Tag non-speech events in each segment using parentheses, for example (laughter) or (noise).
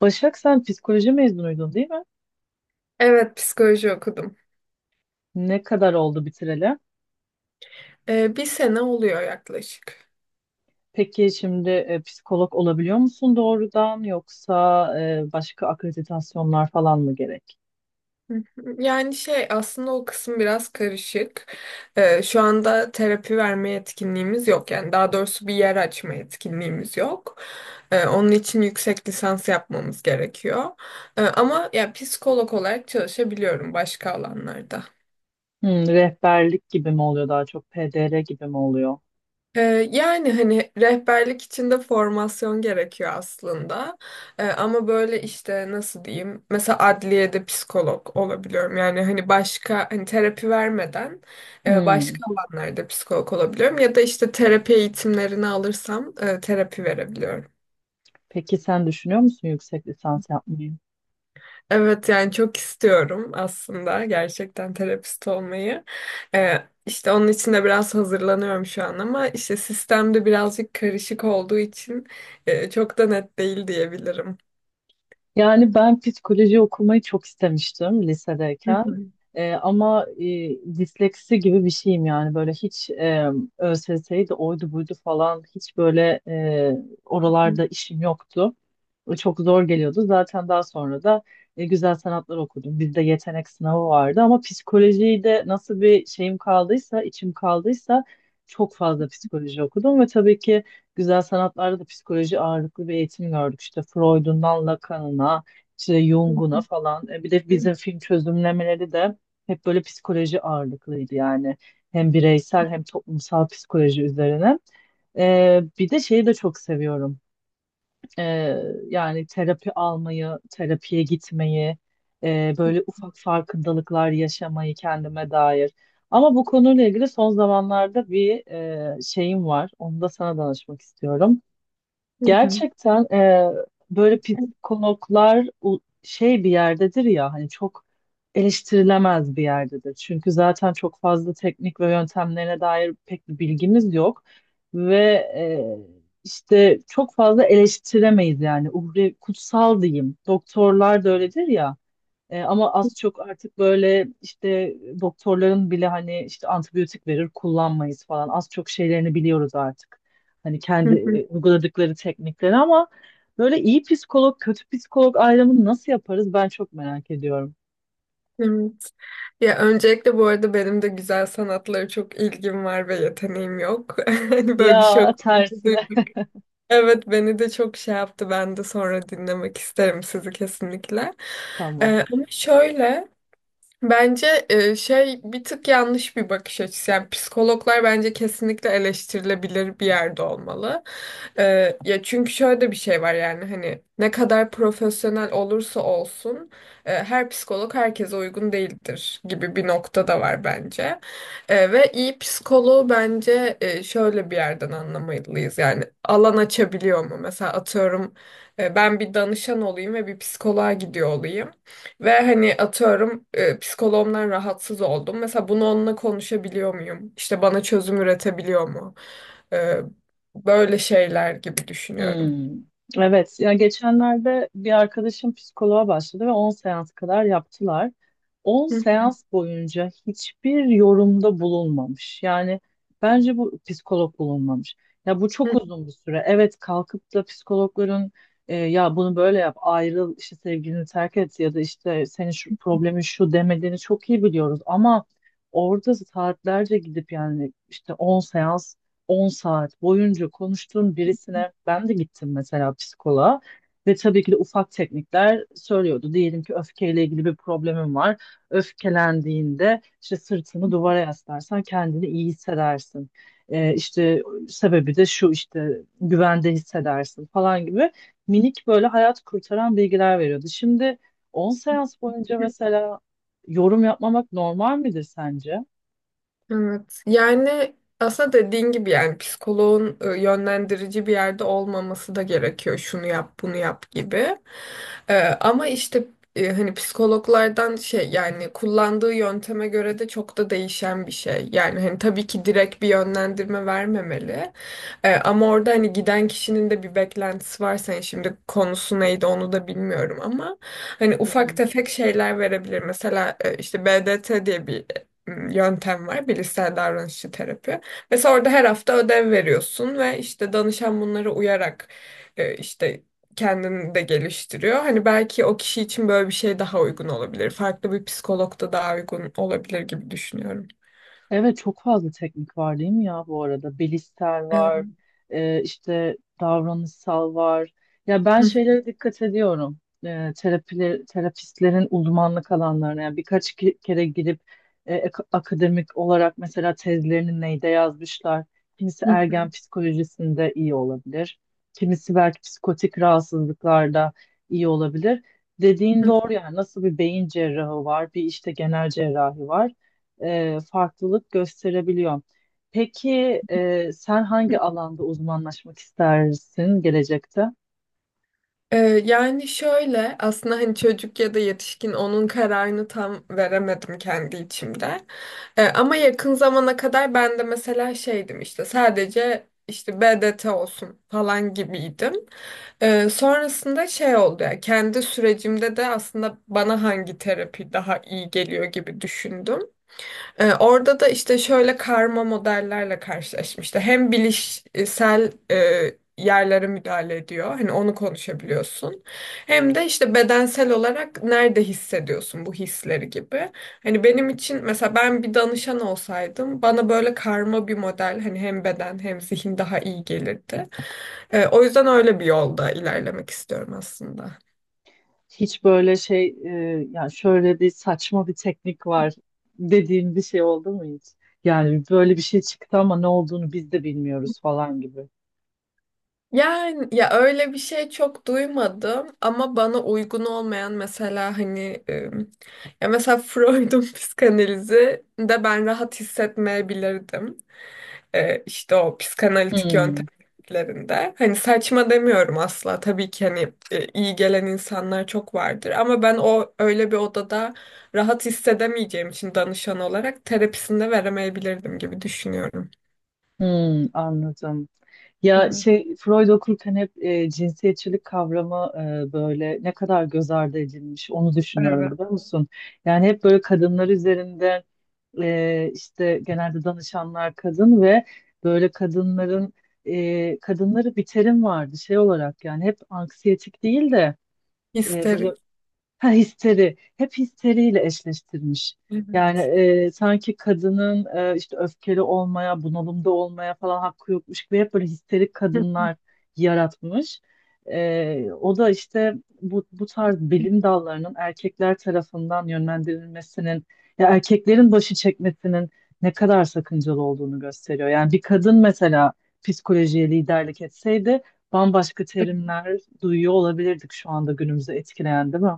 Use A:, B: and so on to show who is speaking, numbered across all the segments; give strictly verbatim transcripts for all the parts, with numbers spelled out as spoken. A: Başak, sen psikoloji mezunuydun, değil mi?
B: Evet, psikoloji okudum.
A: Ne kadar oldu bitireli?
B: Ee, bir sene oluyor yaklaşık.
A: Peki şimdi e, psikolog olabiliyor musun doğrudan, yoksa e, başka akreditasyonlar falan mı gerek?
B: Hı hı. Yani şey aslında o kısım biraz karışık. Ee, şu anda terapi verme yetkinliğimiz yok. Yani daha doğrusu bir yer açma yetkinliğimiz yok. Ee, onun için yüksek lisans yapmamız gerekiyor. Ee, ama ya psikolog olarak çalışabiliyorum başka alanlarda.
A: Hmm, rehberlik gibi mi oluyor, daha çok P D R gibi mi oluyor?
B: Ee, yani hani rehberlik için de formasyon gerekiyor aslında. Ee, ama böyle işte nasıl diyeyim? Mesela adliyede psikolog olabiliyorum. Yani hani başka hani terapi vermeden e, başka
A: Hmm.
B: alanlarda psikolog olabiliyorum. Ya da işte terapi eğitimlerini alırsam e, terapi verebiliyorum.
A: Peki sen düşünüyor musun yüksek lisans yapmayı?
B: Evet yani çok istiyorum aslında gerçekten terapist olmayı. Ee, işte onun için de biraz hazırlanıyorum şu an ama işte sistemde birazcık karışık olduğu için e, çok da net değil diyebilirim.
A: Yani ben psikoloji okumayı çok istemiştim lisedeyken. Ee, ama e, disleksi gibi bir şeyim, yani böyle hiç e, ÖSS'ydi de oydu buydu falan, hiç böyle e, oralarda
B: (laughs)
A: işim yoktu. O çok zor geliyordu. Zaten daha sonra da e, güzel sanatlar okudum. Bizde yetenek sınavı vardı ama psikolojiyi de, nasıl bir şeyim kaldıysa, içim kaldıysa, çok fazla psikoloji okudum ve tabii ki güzel sanatlarda da psikoloji ağırlıklı bir eğitim gördük. İşte Freud'undan Lacan'ına, işte Jung'una falan. E, Bir de bizim film çözümlemeleri de hep böyle psikoloji ağırlıklıydı yani. Hem bireysel hem toplumsal psikoloji üzerine. E, bir de şeyi de çok seviyorum. E, Yani terapi almayı, terapiye gitmeyi, e, böyle ufak farkındalıklar yaşamayı kendime dair. Ama bu konuyla ilgili son zamanlarda bir e, şeyim var. Onu da sana danışmak istiyorum. Gerçekten eee, böyle psikologlar u- şey bir yerdedir ya, hani çok eleştirilemez bir yerdedir. Çünkü zaten çok fazla teknik ve yöntemlerine dair pek bir bilgimiz yok ve eee, işte çok fazla eleştiremeyiz, yani uhre kutsal diyeyim. Doktorlar da öyledir ya. E, ama az çok artık böyle işte doktorların bile, hani işte antibiyotik verir kullanmayız falan. Az çok şeylerini biliyoruz artık. Hani kendi e, uyguladıkları teknikleri. Ama böyle iyi psikolog, kötü psikolog ayrımını nasıl yaparız, ben çok merak ediyorum.
B: Evet. Ya öncelikle bu arada benim de güzel sanatlara çok ilgim var ve yeteneğim yok. (laughs) Hani böyle bir şey (laughs)
A: Ya
B: okudum.
A: tersine.
B: Evet beni de çok şey yaptı. Ben de sonra dinlemek isterim sizi kesinlikle.
A: (laughs) Tamam.
B: Ee, ama şöyle bence, e, şey bir tık yanlış bir bakış açısı. Yani psikologlar bence kesinlikle eleştirilebilir bir yerde olmalı. E, ya çünkü şöyle bir şey var yani hani ne kadar profesyonel olursa olsun e, her psikolog herkese uygun değildir gibi bir nokta da var bence. E, ve iyi psikoloğu bence e, şöyle bir yerden anlamalıyız. Yani alan açabiliyor mu? Mesela atıyorum e, ben bir danışan olayım ve bir psikoloğa gidiyor olayım. Ve hani atıyorum e, psikoloğumdan rahatsız oldum. Mesela bunu onunla konuşabiliyor muyum? İşte bana çözüm üretebiliyor mu? E, böyle şeyler gibi düşünüyorum.
A: Hmm. Evet, ya geçenlerde bir arkadaşım psikoloğa başladı ve on seans kadar yaptılar. On
B: Hı
A: seans boyunca hiçbir yorumda bulunmamış. Yani bence bu psikolog bulunmamış. Ya bu
B: hı.
A: çok uzun bir süre. Evet, kalkıp da psikologların e, ya bunu böyle yap, ayrıl, işte sevgilini terk et ya da işte senin şu problemin şu demediğini çok iyi biliyoruz. Ama orada saatlerce gidip, yani işte on seans, on saat boyunca konuştuğum birisine ben de gittim mesela psikoloğa ve tabii ki de ufak teknikler söylüyordu. Diyelim ki öfkeyle ilgili bir problemin var. Öfkelendiğinde işte sırtını duvara yaslarsan kendini iyi hissedersin. Ee, işte sebebi de şu, işte güvende hissedersin falan gibi minik, böyle hayat kurtaran bilgiler veriyordu. Şimdi on seans boyunca mesela yorum yapmamak normal midir sence?
B: Evet. Yani aslında dediğin gibi yani psikoloğun e, yönlendirici bir yerde olmaması da gerekiyor. Şunu yap, bunu yap gibi. E, ama işte e, hani psikologlardan şey yani kullandığı yönteme göre de çok da değişen bir şey. Yani hani tabii ki direkt bir yönlendirme vermemeli. E, ama orada hani giden kişinin de bir beklentisi var. Sen şimdi konusu neydi onu da bilmiyorum ama hani
A: Hı
B: ufak
A: hı.
B: tefek şeyler verebilir. Mesela e, işte B D T diye bir yöntem var. Bilişsel davranışçı terapi. Mesela orada her hafta ödev veriyorsun ve işte danışan bunlara uyarak e, işte kendini de geliştiriyor. Hani belki o kişi için böyle bir şey daha uygun olabilir. Farklı bir psikolog da daha uygun olabilir gibi düşünüyorum.
A: Evet, çok fazla teknik var değil mi ya bu arada? Bilişsel var, e, işte davranışsal var. Ya ben
B: Evet.
A: şeylere dikkat ediyorum. E, terapiler, terapistlerin uzmanlık alanlarına. Yani birkaç ki- kere gidip e, ak- akademik olarak mesela tezlerini neyde yazmışlar. Kimisi ergen
B: (laughs)
A: psikolojisinde iyi olabilir. Kimisi belki psikotik rahatsızlıklarda iyi olabilir. Dediğin doğru, yani nasıl bir beyin cerrahı var, bir işte genel cerrahi var, e, farklılık gösterebiliyor. Peki e, sen hangi alanda uzmanlaşmak istersin gelecekte?
B: Ee, yani şöyle aslında hani çocuk ya da yetişkin onun kararını tam veremedim kendi içimde. Ee, ama yakın zamana kadar ben de mesela şeydim işte sadece işte B D T olsun falan gibiydim. Ee, sonrasında şey oldu ya kendi sürecimde de aslında bana hangi terapi daha iyi geliyor gibi düşündüm. Ee, orada da işte şöyle karma modellerle karşılaşmıştı. Hem bilişsel e, yerlere müdahale ediyor. Hani onu konuşabiliyorsun. Hem de işte bedensel olarak nerede hissediyorsun bu hisleri gibi. Hani benim için mesela ben bir danışan olsaydım bana böyle karma bir model hani hem beden hem zihin daha iyi gelirdi. Ee, o yüzden öyle bir yolda ilerlemek istiyorum aslında.
A: Hiç böyle şey e, yani şöyle bir saçma bir teknik var dediğin bir şey oldu mu hiç? Yani böyle bir şey çıktı ama ne olduğunu biz de bilmiyoruz falan gibi.
B: Yani ya öyle bir şey çok duymadım ama bana uygun olmayan mesela hani e, ya mesela Freud'un (laughs) psikanalizi de ben rahat hissetmeyebilirdim. E, işte o psikanalitik
A: Hmm.
B: yöntemlerinde. Hani saçma demiyorum asla. Tabii ki hani e, iyi gelen insanlar çok vardır ama ben o öyle bir odada rahat hissedemeyeceğim için danışan olarak terapisinde veremeyebilirdim gibi düşünüyorum.
A: Hmm, anladım. Ya
B: Evet.
A: şey, Freud okurken hep e, cinsiyetçilik kavramı e, böyle ne kadar göz ardı edilmiş, onu düşünüyorum,
B: Evet.
A: biliyor musun? Yani hep böyle kadınlar üzerinde e, işte genelde danışanlar kadın ve böyle kadınların e, kadınları bir terim vardı şey olarak, yani hep anksiyetik değil de e, böyle,
B: İsterim.
A: ha, histeri. Hep histeriyle eşleştirmiş. Yani
B: Evet.
A: e, sanki kadının e, işte öfkeli olmaya, bunalımda olmaya falan hakkı yokmuş gibi hep böyle histerik kadınlar yaratmış. E, o da işte bu, bu tarz bilim dallarının erkekler tarafından yönlendirilmesinin, ya erkeklerin başı çekmesinin ne kadar sakıncalı olduğunu gösteriyor. Yani bir kadın mesela psikolojiye liderlik etseydi, bambaşka
B: (laughs)
A: terimler duyuyor olabilirdik şu anda günümüzü etkileyen, değil mi?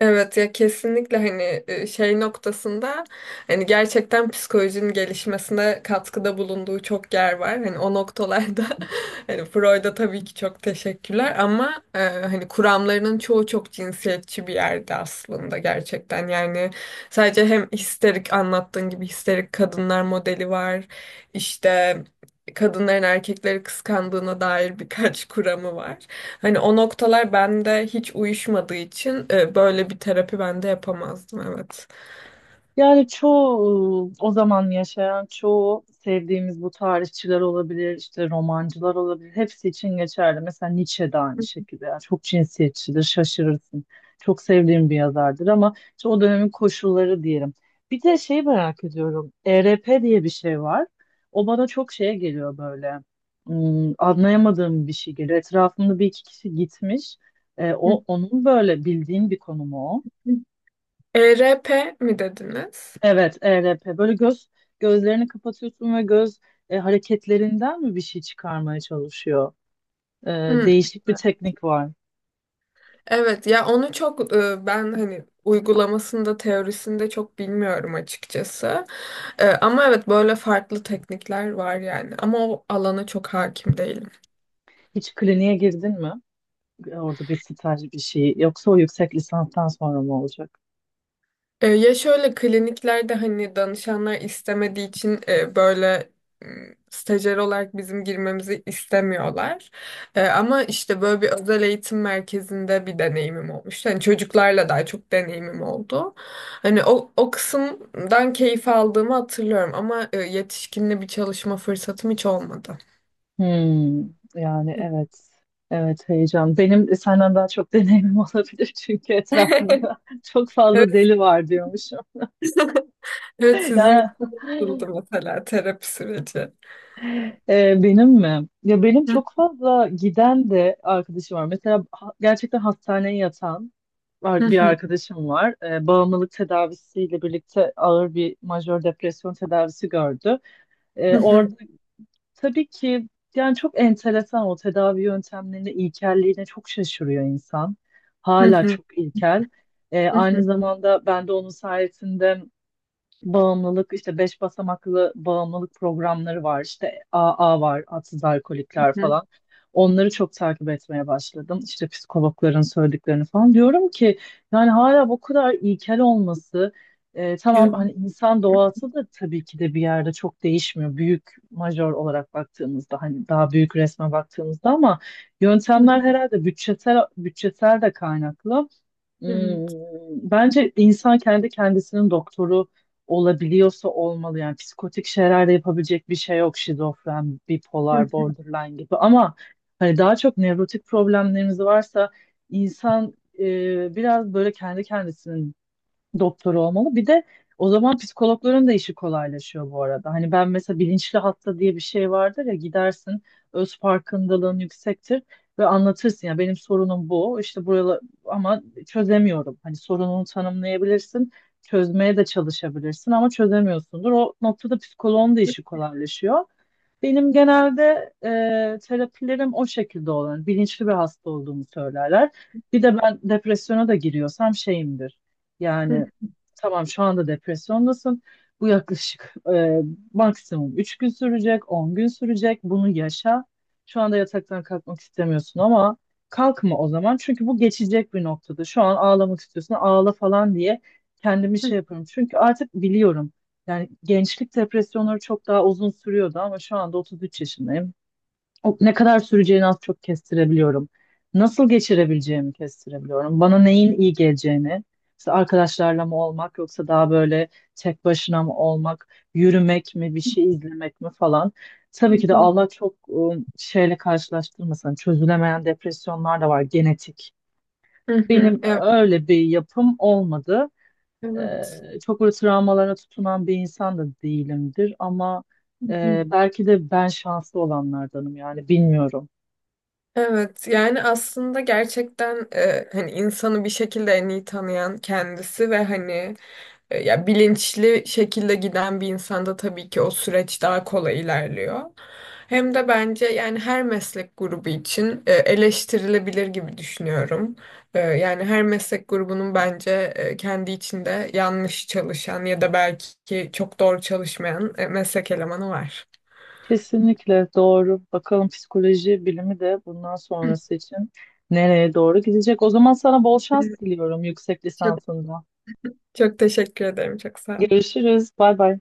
B: Evet ya kesinlikle hani e, şey noktasında hani gerçekten psikolojinin gelişmesine katkıda bulunduğu çok yer var. Hani o noktalarda (laughs) hani Freud'a tabii ki çok teşekkürler ama e, hani kuramlarının çoğu çok cinsiyetçi bir yerde aslında gerçekten. Yani sadece hem histerik anlattığın gibi histerik kadınlar modeli var. İşte kadınların erkekleri kıskandığına dair birkaç (laughs) kuramı var. Hani o noktalar bende hiç uyuşmadığı için e, böyle bir terapi bende yapamazdım evet.
A: Yani çoğu o zaman yaşayan, çoğu sevdiğimiz bu tarihçiler olabilir, işte romancılar olabilir. Hepsi için geçerli. Mesela Nietzsche de aynı şekilde. Yani çok cinsiyetçidir, şaşırırsın. Çok sevdiğim bir yazardır ama işte o dönemin koşulları diyelim. Bir de şey merak ediyorum. E R P diye bir şey var. O bana çok şeye geliyor böyle. Hmm, anlayamadığım bir şey geliyor. Etrafımda bir iki kişi gitmiş. E,
B: Hı
A: o, onun böyle bildiğin bir konu mu o?
B: hı. E R P mi dediniz?
A: Evet, E R P. Böyle göz gözlerini kapatıyorsun ve göz e, hareketlerinden mi bir şey çıkarmaya çalışıyor? E,
B: Hı.
A: Değişik bir teknik var.
B: Evet ya onu çok e, ben hani uygulamasında teorisinde çok bilmiyorum açıkçası. E, Ama evet böyle farklı teknikler var yani ama o alana çok hakim değilim.
A: Hiç kliniğe girdin mi? E, Orada bir staj bir şey. Yoksa o yüksek lisanstan sonra mı olacak?
B: E, ya şöyle kliniklerde hani danışanlar istemediği için e, böyle m, stajyer olarak bizim girmemizi istemiyorlar. E, ama işte böyle bir özel eğitim merkezinde bir deneyimim olmuştu. Hani çocuklarla daha çok deneyimim oldu. Hani o, o kısımdan keyif aldığımı hatırlıyorum ama e, yetişkinle bir çalışma fırsatım hiç olmadı.
A: Hmm, yani evet. Evet, heyecan. Benim e, senden daha çok deneyimim (laughs) olabilir, çünkü etrafımda (laughs) çok fazla
B: Evet,
A: deli var diyormuşum.
B: (laughs) evet sizin
A: Yani.
B: için nasıldı
A: (laughs)
B: mesela terapi süreci?
A: Ee, benim mi? Ya benim
B: Hı
A: çok fazla giden de arkadaşım var. Mesela ha- gerçekten hastaneye yatan
B: hı
A: var- bir
B: hı
A: arkadaşım var. Ee, bağımlılık tedavisiyle birlikte ağır bir majör depresyon tedavisi gördü.
B: hı
A: Ee,
B: hı
A: orada tabii ki, yani çok enteresan, o tedavi yöntemlerine, ilkelliğine çok şaşırıyor insan. Hala
B: hı
A: çok ilkel. Ee,
B: hı
A: aynı
B: hı
A: zamanda ben de onun sayesinde bağımlılık, işte beş basamaklı bağımlılık programları var, işte A A var, adsız alkolikler
B: hı.
A: falan, onları çok takip etmeye başladım, işte psikologların söylediklerini falan. Diyorum ki yani hala bu kadar ilkel olması, e, tamam
B: Evet.
A: hani insan doğası da tabii ki de bir yerde çok değişmiyor, büyük majör olarak baktığımızda, hani daha büyük resme baktığımızda, ama yöntemler herhalde bütçesel bütçesel de kaynaklı.
B: Evet.
A: Hmm, bence insan kendi kendisinin doktoru olabiliyorsa olmalı. Yani psikotik şeyler de yapabilecek bir şey yok. Şizofren, bipolar,
B: (laughs)
A: borderline gibi. Ama hani daha çok nevrotik problemlerimiz varsa, insan e, biraz böyle kendi kendisinin doktoru olmalı. Bir de o zaman psikologların da işi kolaylaşıyor bu arada. Hani ben mesela, bilinçli hasta diye bir şey vardır ya, gidersin, öz farkındalığın yüksektir ve anlatırsın: ya benim sorunum bu, işte buralar ama çözemiyorum. Hani sorununu tanımlayabilirsin, çözmeye de çalışabilirsin ama çözemiyorsundur. O noktada psikoloğun da işi kolaylaşıyor. Benim genelde e, terapilerim o şekilde olan, bilinçli bir hasta olduğumu söylerler. Bir de ben depresyona da giriyorsam şeyimdir. Yani
B: Evet,
A: tamam, şu anda depresyondasın. Bu yaklaşık e, maksimum üç gün sürecek, on gün sürecek. Bunu yaşa. Şu anda yataktan kalkmak istemiyorsun ama kalkma o zaman. Çünkü bu geçecek bir noktada. Şu an ağlamak istiyorsun, ağla falan diye kendimi şey yapıyorum. Çünkü artık biliyorum. Yani gençlik depresyonları çok daha uzun sürüyordu ama şu anda otuz üç yaşındayım, o- ne kadar süreceğini az çok kestirebiliyorum. Nasıl geçirebileceğimi kestirebiliyorum. Bana neyin iyi geleceğini, işte arkadaşlarla mı olmak yoksa daha böyle tek başına mı olmak, yürümek mi, bir şey izlemek mi falan. Tabii ki de Allah çok ım, şeyle karşılaştırmasın. Çözülemeyen depresyonlar da var, genetik. Benim
B: evet.
A: öyle bir yapım olmadı. Ee, çok böyle travmalara tutunan bir insan da değilimdir ama e,
B: (laughs)
A: belki de ben şanslı olanlardanım, yani bilmiyorum.
B: Evet, yani aslında gerçekten e, hani insanı bir şekilde en iyi tanıyan kendisi ve hani, E, ya bilinçli şekilde giden bir insanda tabii ki o süreç daha kolay ilerliyor. Hem de bence yani her meslek grubu için e, eleştirilebilir gibi düşünüyorum. E, Yani her meslek grubunun bence e, kendi içinde yanlış çalışan ya da belki çok doğru çalışmayan e, meslek elemanı var.
A: Kesinlikle doğru. Bakalım psikoloji bilimi de bundan
B: (laughs)
A: sonrası için nereye doğru gidecek. O zaman sana bol şans diliyorum yüksek
B: Çok,
A: lisansında.
B: çok teşekkür ederim. Çok sağ olun.
A: Görüşürüz. Bay bay.